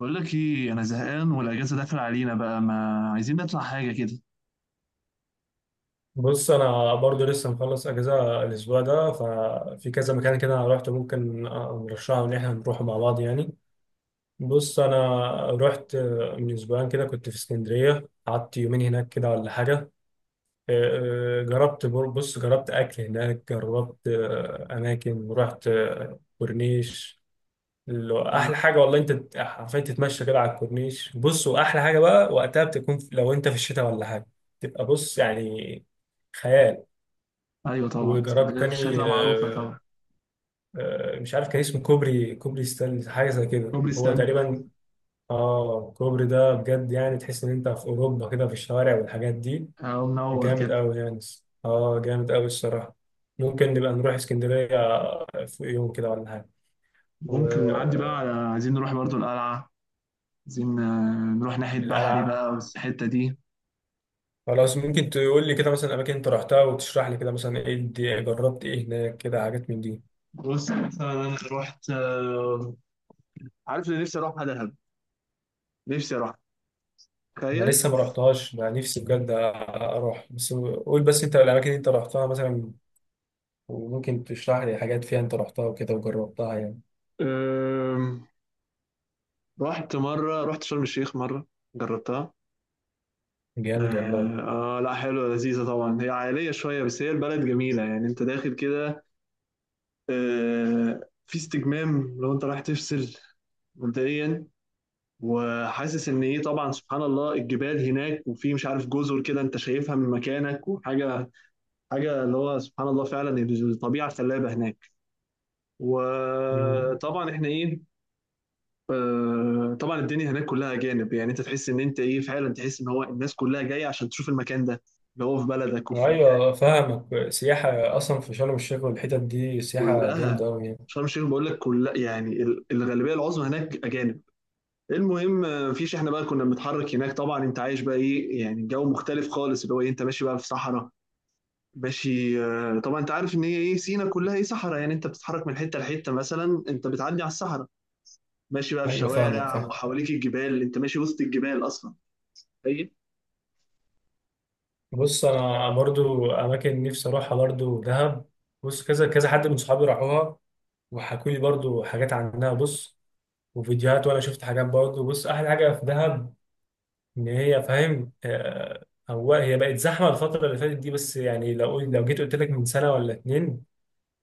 بقول لك ايه انا زهقان والاجازه داخل علينا بقى ما عايزين نطلع حاجه كده. بص، انا برضو لسه مخلص اجازه الاسبوع ده، ففي كذا مكان كده انا روحت ممكن نرشحه ان احنا نروحه مع بعض يعني. بص انا رحت من اسبوعين كده، كنت في اسكندريه قعدت يومين هناك كده ولا حاجه. جربت بص جربت اكل هناك، جربت اماكن، رحت كورنيش اللي هو آه. احلى حاجه. والله انت حرفيا تتمشى كده على الكورنيش. بص واحلى حاجه بقى وقتها بتكون لو انت في الشتاء ولا حاجه، تبقى بص يعني خيال. ايوه طبعا وجربت اسكندريه في تاني الشتاء معروفه طبعا. مش عارف كان اسمه كوبري ستانلي حاجه زي كده كوبري هو ستانلي ده. تقريبا. اه الكوبري ده بجد يعني تحس ان انت في اوروبا كده، في الشوارع والحاجات دي. اه منور كده. جامد قوي يعني. اه جامد قوي الصراحه. ممكن نبقى نروح اسكندريه في يوم كده ولا حاجه، ممكن نعدي بقى والقلعه. على عايزين نروح برضو القلعه. عايزين نروح ناحيه بحري بقى والحته دي. خلاص ممكن تقول لي كده مثلا اماكن انت رحتها، وتشرح لي كده مثلا ايه جربت ايه هناك كده، حاجات من دي. بص مثلا انا رحت عارف اللي نفسي اروحها دهب. نفسي اروحها. انا تخيل. لسه ما رحتهاش، انا نفسي بجد اروح، بس قول بس انت الاماكن اللي انت رحتها مثلا، وممكن تشرح لي حاجات فيها انت رحتها وكده وجربتها يعني. آم، رحت شرم الشيخ مره. جربتها. جامد والله. لا حلوة لذيذة طبعا هي عائلية شوية بس هي البلد جميلة يعني انت داخل كده. في استجمام لو انت رايح تفصل. مبدئيا. وحاسس ان ايه طبعا سبحان الله الجبال هناك وفي مش عارف جزر كده انت شايفها من مكانك وحاجة. حاجة اللي هو سبحان الله فعلا. الطبيعة خلابة هناك. مم. وطبعا احنا ايه. طبعا الدنيا هناك كلها اجانب يعني انت تحس ان انت ايه فعلا تحس ان هو الناس كلها جايه عشان تشوف المكان ده. اللي هو في بلدك وفي مكان. ايوه فاهمك، سياحه اصلا في شرم الشيخ والحتت دي سياحه جامده كلها. قوي يعني. شرم الشيخ بقول لك كلها يعني الغالبيه العظمى هناك اجانب. المهم مفيش احنا بقى كنا بنتحرك هناك طبعا انت عايش بقى ايه يعني الجو مختلف خالص اللي هو ايه انت ماشي بقى في صحراء. ماشي طبعا انت عارف ان هي ايه سينا كلها ايه صحراء يعني انت بتتحرك من حته لحته مثلا انت بتعدي على الصحراء. ماشي بقى في ايوه فاهمك شوارع فاهم. وحواليك الجبال انت ماشي وسط الجبال اصلا. ايوه. بص انا برضو اماكن نفسي اروحها برضو دهب. بص كذا كذا حد من صحابي راحوها وحكوا لي برضو حاجات عنها. بص وفيديوهات، وانا شفت حاجات برضو. بص احلى حاجه في دهب ان هي فاهم، هو هي بقت زحمه الفتره اللي فاتت دي، بس يعني لو جيت قلت لك من سنه ولا اتنين،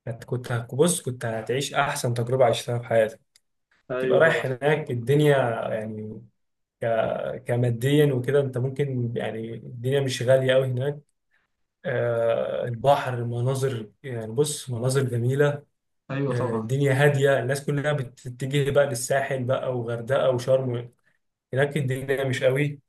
كنت بص كنت هتعيش احسن تجربه عشتها في حياتك. تبقى ايوه طبعا. رايح هناك، الدنيا يعني، كماديا وكده، انت ممكن يعني الدنيا مش غاليه قوي هناك. البحر، المناظر، يعني بص مناظر جميله. ايوه طبعا. الدنيا هاديه، الناس كلها بتتجه بقى للساحل بقى وغردقه وشرم، هناك الدنيا مش قوي.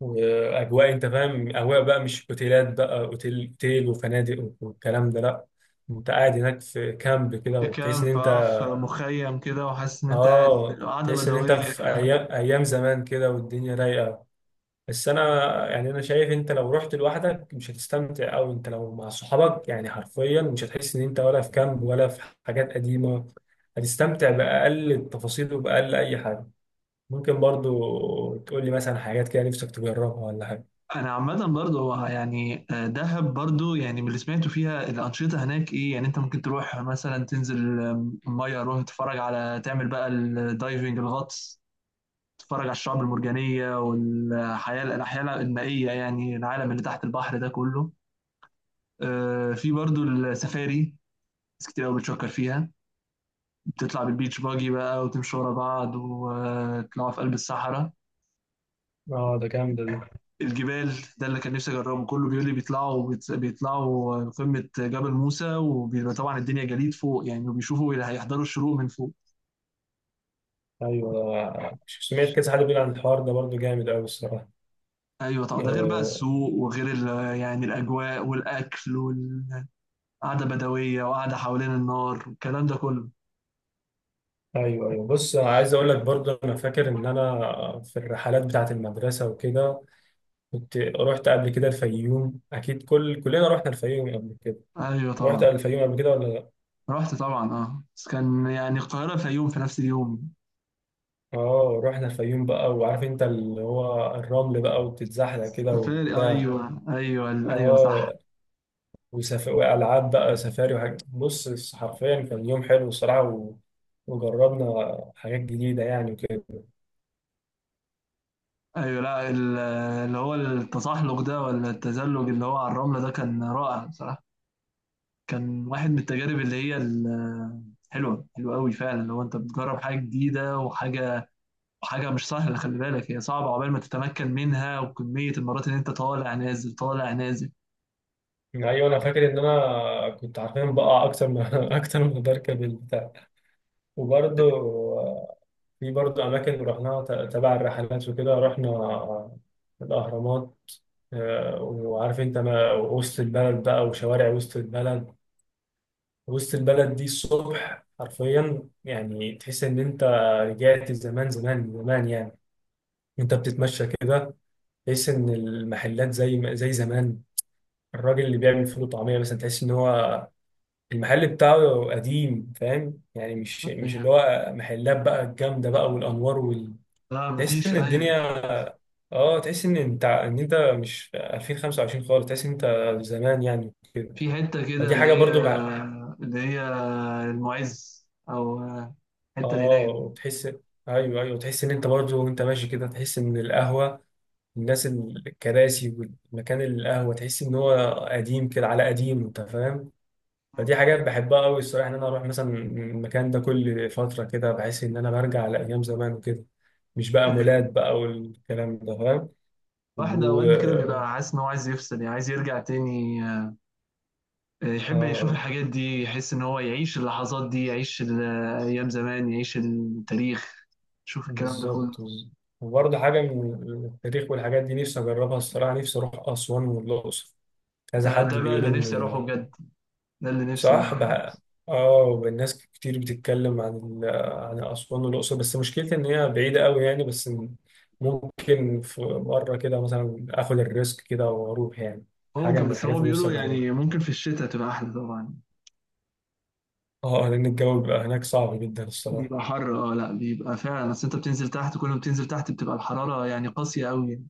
واجواء انت فاهم، اجواء بقى، مش اوتيلات بقى، اوتيل اوتيل وفنادق والكلام ده لا. انت قاعد هناك في كامب كده في وبتحس كامب ان انت، بقى في مخيم كده وحاسس ان انت قاعد اه قاعده تحس ان انت بدويه. في ايام ايام زمان كده والدنيا رايقه. بس انا يعني، انا شايف انت لو رحت لوحدك مش هتستمتع، او انت لو مع صحابك يعني حرفيا مش هتحس ان انت ولا في كامب ولا في حاجات قديمه، هتستمتع باقل التفاصيل وباقل اي حاجه. ممكن برضو تقول لي مثلا حاجات كده نفسك تجربها ولا حاجه. انا عامه برضه هو يعني دهب برضه يعني من اللي سمعته فيها الانشطه هناك ايه يعني انت ممكن تروح مثلا تنزل الميه روح تتفرج على تعمل بقى الدايفنج الغطس. تتفرج على الشعب المرجانيه والحياه الاحياء المائيه يعني العالم اللي تحت البحر ده كله. في برضه السفاري. ناس كتير قوي بتشكر فيها. بتطلع بالبيتش باجي بقى وتمشوا ورا بعض وتطلعوا في قلب الصحراء. اه ده جامدة دي. الجبال. ده اللي كان نفسي اجربه كله بيقول لي بيطلعوا بيطلعوا قمة جبل موسى وبيبقى طبعا الدنيا جليد فوق يعني وبيشوفوا اللي هيحضروا الشروق من فوق. ايوه سمعت كذا حد بيقول عن الحوار ده برضو جامد قوي الصراحه. ايوه طبعا ده غير بقى آه، السوق وغير يعني الاجواء والاكل والقعدة بدوية وقعدة حوالين النار والكلام ده كله. ايوه ايوه. بص أنا عايز اقول لك برضو، انا فاكر ان انا في الرحلات بتاعه المدرسه وكده كنت رحت قبل كده الفيوم. اكيد كلنا رحنا الفيوم قبل كده. ايوه رحت طبعا. الفيوم قبل كده ولا لا؟ رحت طبعا اه بس كان يعني القاهرة الفيوم في نفس اليوم. اه رحنا الفيوم بقى، وعارف انت اللي هو الرمل بقى وبتتزحلق كده سفاري وبتاع. ايوه ايوه ايوه صح. اه والعاب بقى سفاري وحاجات. بص حرفيا كان يوم حلو الصراحه وجربنا حاجات جديده يعني وكده. ايوه لا اللي هو التزحلق ده ولا التزلج اللي هو على الرملة ده كان رائع بصراحة. كان واحد من التجارب اللي هي حلوة حلوة قوي فعلا لو انت بتجرب حاجة جديدة وحاجة. حاجة مش سهلة خلي بالك هي صعبة عقبال ما تتمكن منها وكمية المرات اللي انت طالع نازل طالع نازل. يعني ايوه انا فاكر ان انا كنت عارفين بقع اكتر ما اكتر ما بركب البتاع. وبرضه آه، في برضه اماكن رحناها تبع الرحلات وكده، رحنا الاهرامات. وعارف انت ما وسط البلد بقى، وشوارع وسط البلد. وسط البلد دي الصبح حرفيا يعني تحس ان انت رجعت زمان زمان زمان يعني. انت بتتمشى كده تحس ان المحلات زي زمان. الراجل اللي بيعمل فول وطعميه مثلا تحس ان هو المحل بتاعه قديم، فاهم يعني. مش اللي أيوة. هو محلات بقى الجامده بقى والانوار لا تحس مفيش ان اي. الدنيا، اه تحس ان انت ان انت مش في 2025 خالص. تحس ان انت زمان يعني كده. في حتة كده فدي اللي حاجه هي. برضو بقى. اللي هي. المعز او. الحتة اللي اه هناك دي. وتحس، ايوه ايوه تحس ان انت برضو وانت ماشي كده، تحس ان القهوه، الناس، الكراسي والمكان، القهوه تحس ان هو قديم كده على قديم، انت فاهم. فدي حاجات بحبها قوي الصراحه، ان انا اروح مثلا المكان ده كل فتره كده، بحس ان انا برجع لايام زمان وكده. مش بقى أيوة. مولات بقى والكلام ده فاهم. واحد و... اوقات كده بيبقى حاسس ان هو عايز يفصل يعني عايز يرجع تاني. يحب يشوف اه الحاجات دي يحس ان هو يعيش اللحظات دي يعيش ايام زمان يعيش التاريخ. يشوف الكلام ده بالظبط. كله. وبرضه حاجه من التاريخ والحاجات دي نفسي اجربها الصراحه. نفسي اروح اسوان والاقصر. كذا ده حد ده بقى بيقول اللي نفسي اروحه ان، بجد. ده اللي نفسي. صح بقى. اه الناس كتير بتتكلم عن ال- عن اسوان والاقصر، بس مشكلتي ان هي بعيده قوي يعني. بس ممكن في مره كده مثلا اخد الريسك كده واروح يعني، حاجه ممكن من بس الحاجات هو اللي نفسي بيقولوا اجربها. يعني ممكن في الشتاء تبقى احلى طبعا. اه لان الجو بيبقى هناك صعب جدا الصراحه. بيبقى حر اه لا بيبقى فعلا بس انت بتنزل تحت كل ما بتنزل تحت بتبقى الحرارة يعني قاسية قوي يعني.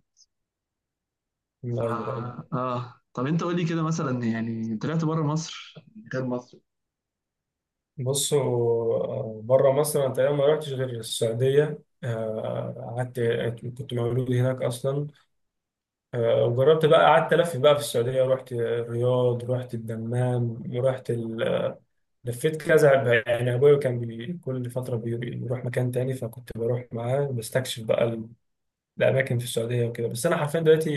ف ايوه ايوه. اه طب انت قول لي كده مثلا يعني طلعت بره مصر. غير مصر. بصوا بره مصر انا تقريبا ما رحتش غير السعوديه. قعدت كنت مولود هناك اصلا. وجربت بقى قعدت الف بقى في السعوديه. رحت الرياض، رحت الدمام، رحت لفيت كذا يعني. ابويا كان كل فتره بيروح مكان تاني، فكنت بروح معاه بستكشف بقى الاماكن في السعوديه وكده. بس انا حرفيا دلوقتي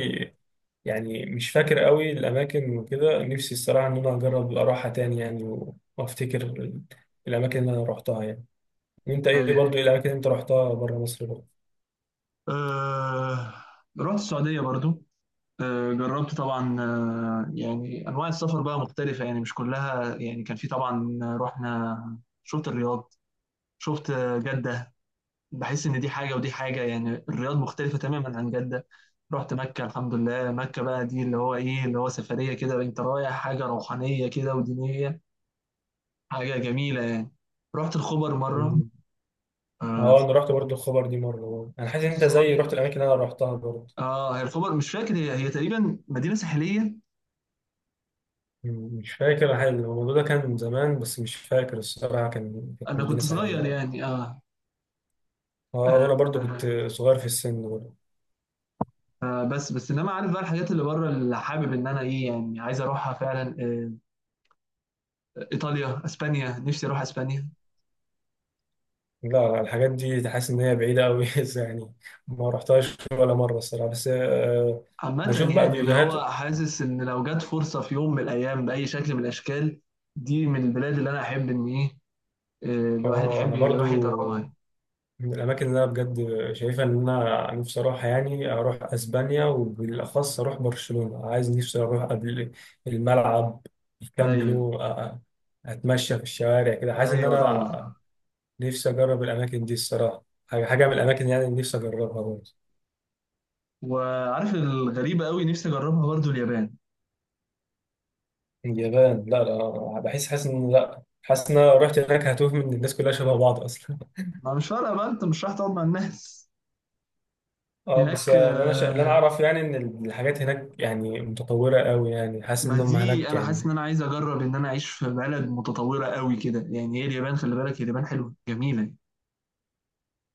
يعني مش فاكر قوي الاماكن وكده. نفسي الصراحه ان انا اجرب اروحها تاني يعني وافتكر الاماكن اللي انا روحتها يعني. وانت ايه أيوة. برضو، ايه الاماكن اللي انت روحتها بره مصر برضه؟ آه... رحت السعودية برضو. جربت طبعا يعني انواع السفر بقى مختلفه يعني مش كلها يعني كان في طبعا رحنا شفت الرياض. شفت جده. بحس ان دي حاجه ودي حاجه يعني الرياض مختلفه تماما عن جده. رحت مكه الحمد لله مكه بقى دي اللي هو ايه اللي هو سفريه كده انت رايح حاجه روحانيه كده ودينيه. حاجه جميله يعني. رحت الخبر مره. مم. آه، اه انا رحت برضو الخبر دي مره برضه. انا حاسس ان كنت انت زيي رحت صغير. الاماكن اللي انا روحتها برضه. اه هي الخبر مش فاكر هي تقريبا مدينه ساحليه. مم، مش فاكر حاجة. الموضوع ده كان زمان بس مش فاكر الصراحه، كان كانت انا مدينه كنت صغير ساحليه. يعني اه. اه آه. وانا برضو كنت صغير في السن برضو. بس بس انما عارف بقى الحاجات اللي بره اللي حابب ان انا ايه يعني عايز اروحها فعلا ايطاليا اسبانيا نفسي اروح اسبانيا. لا لا الحاجات دي تحس ان هي بعيده قوي يعني. ما رحتهاش ولا مره الصراحه، بس عامة بشوف بقى يعني اللي هو فيديوهات. حاسس ان لو جت فرصة في يوم من الايام باي شكل من الاشكال. دي من البلاد اللي انا احب ان ايه الواحد اه يحب انا يروح يجربها برضو يعني. من الاماكن اللي انا بجد شايفها ان انا نفسي اروحها يعني، اروح اسبانيا وبالاخص اروح برشلونه، عايز نفسي اروح قبل الملعب الكامب ايوه نو. اتمشى في الشوارع كده حاسس ان ايوه طبعا. انا نفسي اجرب الاماكن دي الصراحه. حاجه من الاماكن يعني اللي نفسي اجربها برضو. وعارف الغريبة قوي نفسي اجربها برضو اليابان. اليابان لا لا بحس، حاسس ان لا، حاسس ان انا لو رحت هناك هتوه، من الناس كلها شبه بعض اصلا ما مش فارقة بقى انت مش رايح تقعد مع الناس. اه بس هناك اللي انا اعرف يعني ان الحاجات هناك يعني متطوره قوي يعني، حاسس ما ان هم دي هناك انا حاسس يعني. ان انا عايز اجرب ان انا اعيش في بلد متطوره قوي كده يعني هي اليابان خلي بالك اليابان حلوه جميله.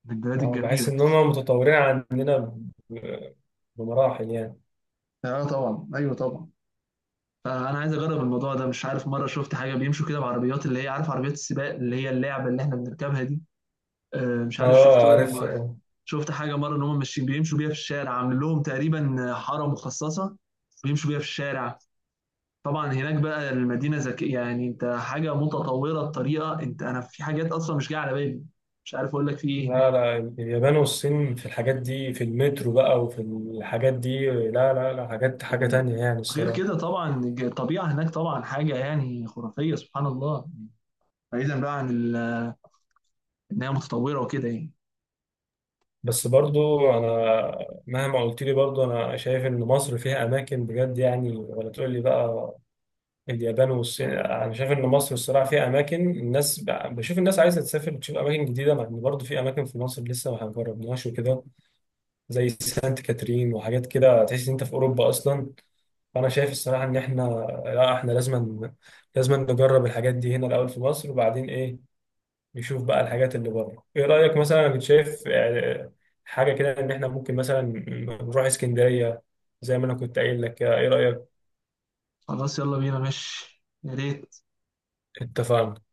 من البلاد اه بحس الجميله. ان هم متطورين عندنا ب- بمراحل يعني. اه طبعا ايوه طبعا. فانا عايز اجرب الموضوع ده مش عارف مره شفت حاجه بيمشوا كده بعربيات اللي هي عارف عربيات السباق اللي هي اللعبه اللي احنا بنركبها دي. مش عارف اه عارف شفتهم. اه. شفت حاجه مره ان هم ماشيين بيمشوا بيها في الشارع عامل لهم تقريبا حاره مخصصه. بيمشوا بيها في الشارع. طبعًا هناك بقى المدينة ذكية، يعني أنت حاجة متطورة بطريقة أنت أنا في حاجات أصلًا مش جاية على بالي، مش عارف أقول لك في إيه هنا. لا لا اليابان والصين في الحاجات دي، في المترو بقى وفي الحاجات دي، لا لا لا، حاجات حاجه إمم. تانية يعني وغير الصراحه. كده طبعًا الطبيعة هناك طبعًا حاجة يعني خرافية سبحان الله، بعيدًا بقى عن إن هي متطورة وكده يعني. بس برضو انا مهما قلت لي برضو، انا شايف ان مصر فيها اماكن بجد يعني، ولا تقول لي بقى اليابان والصين، انا شايف ان مصر الصراحه فيها اماكن. الناس بشوف الناس عايزه تسافر تشوف اماكن جديده، مع ان برضو في اماكن في مصر لسه ما جربناهاش وكده، زي سانت كاترين وحاجات كده تحس ان انت في اوروبا اصلا. فانا شايف الصراحه ان احنا لا، احنا لازم نجرب الحاجات دي هنا الاول في مصر، وبعدين ايه يشوف بقى الحاجات اللي بره. ايه رأيك مثلا؟ انا كنت شايف حاجة كده ان احنا ممكن مثلا نروح اسكندرية زي ما انا كنت قايل لك كده. ايه رأيك؟ خلاص يالّا بينا ماشي، يا ريت. اتفقنا.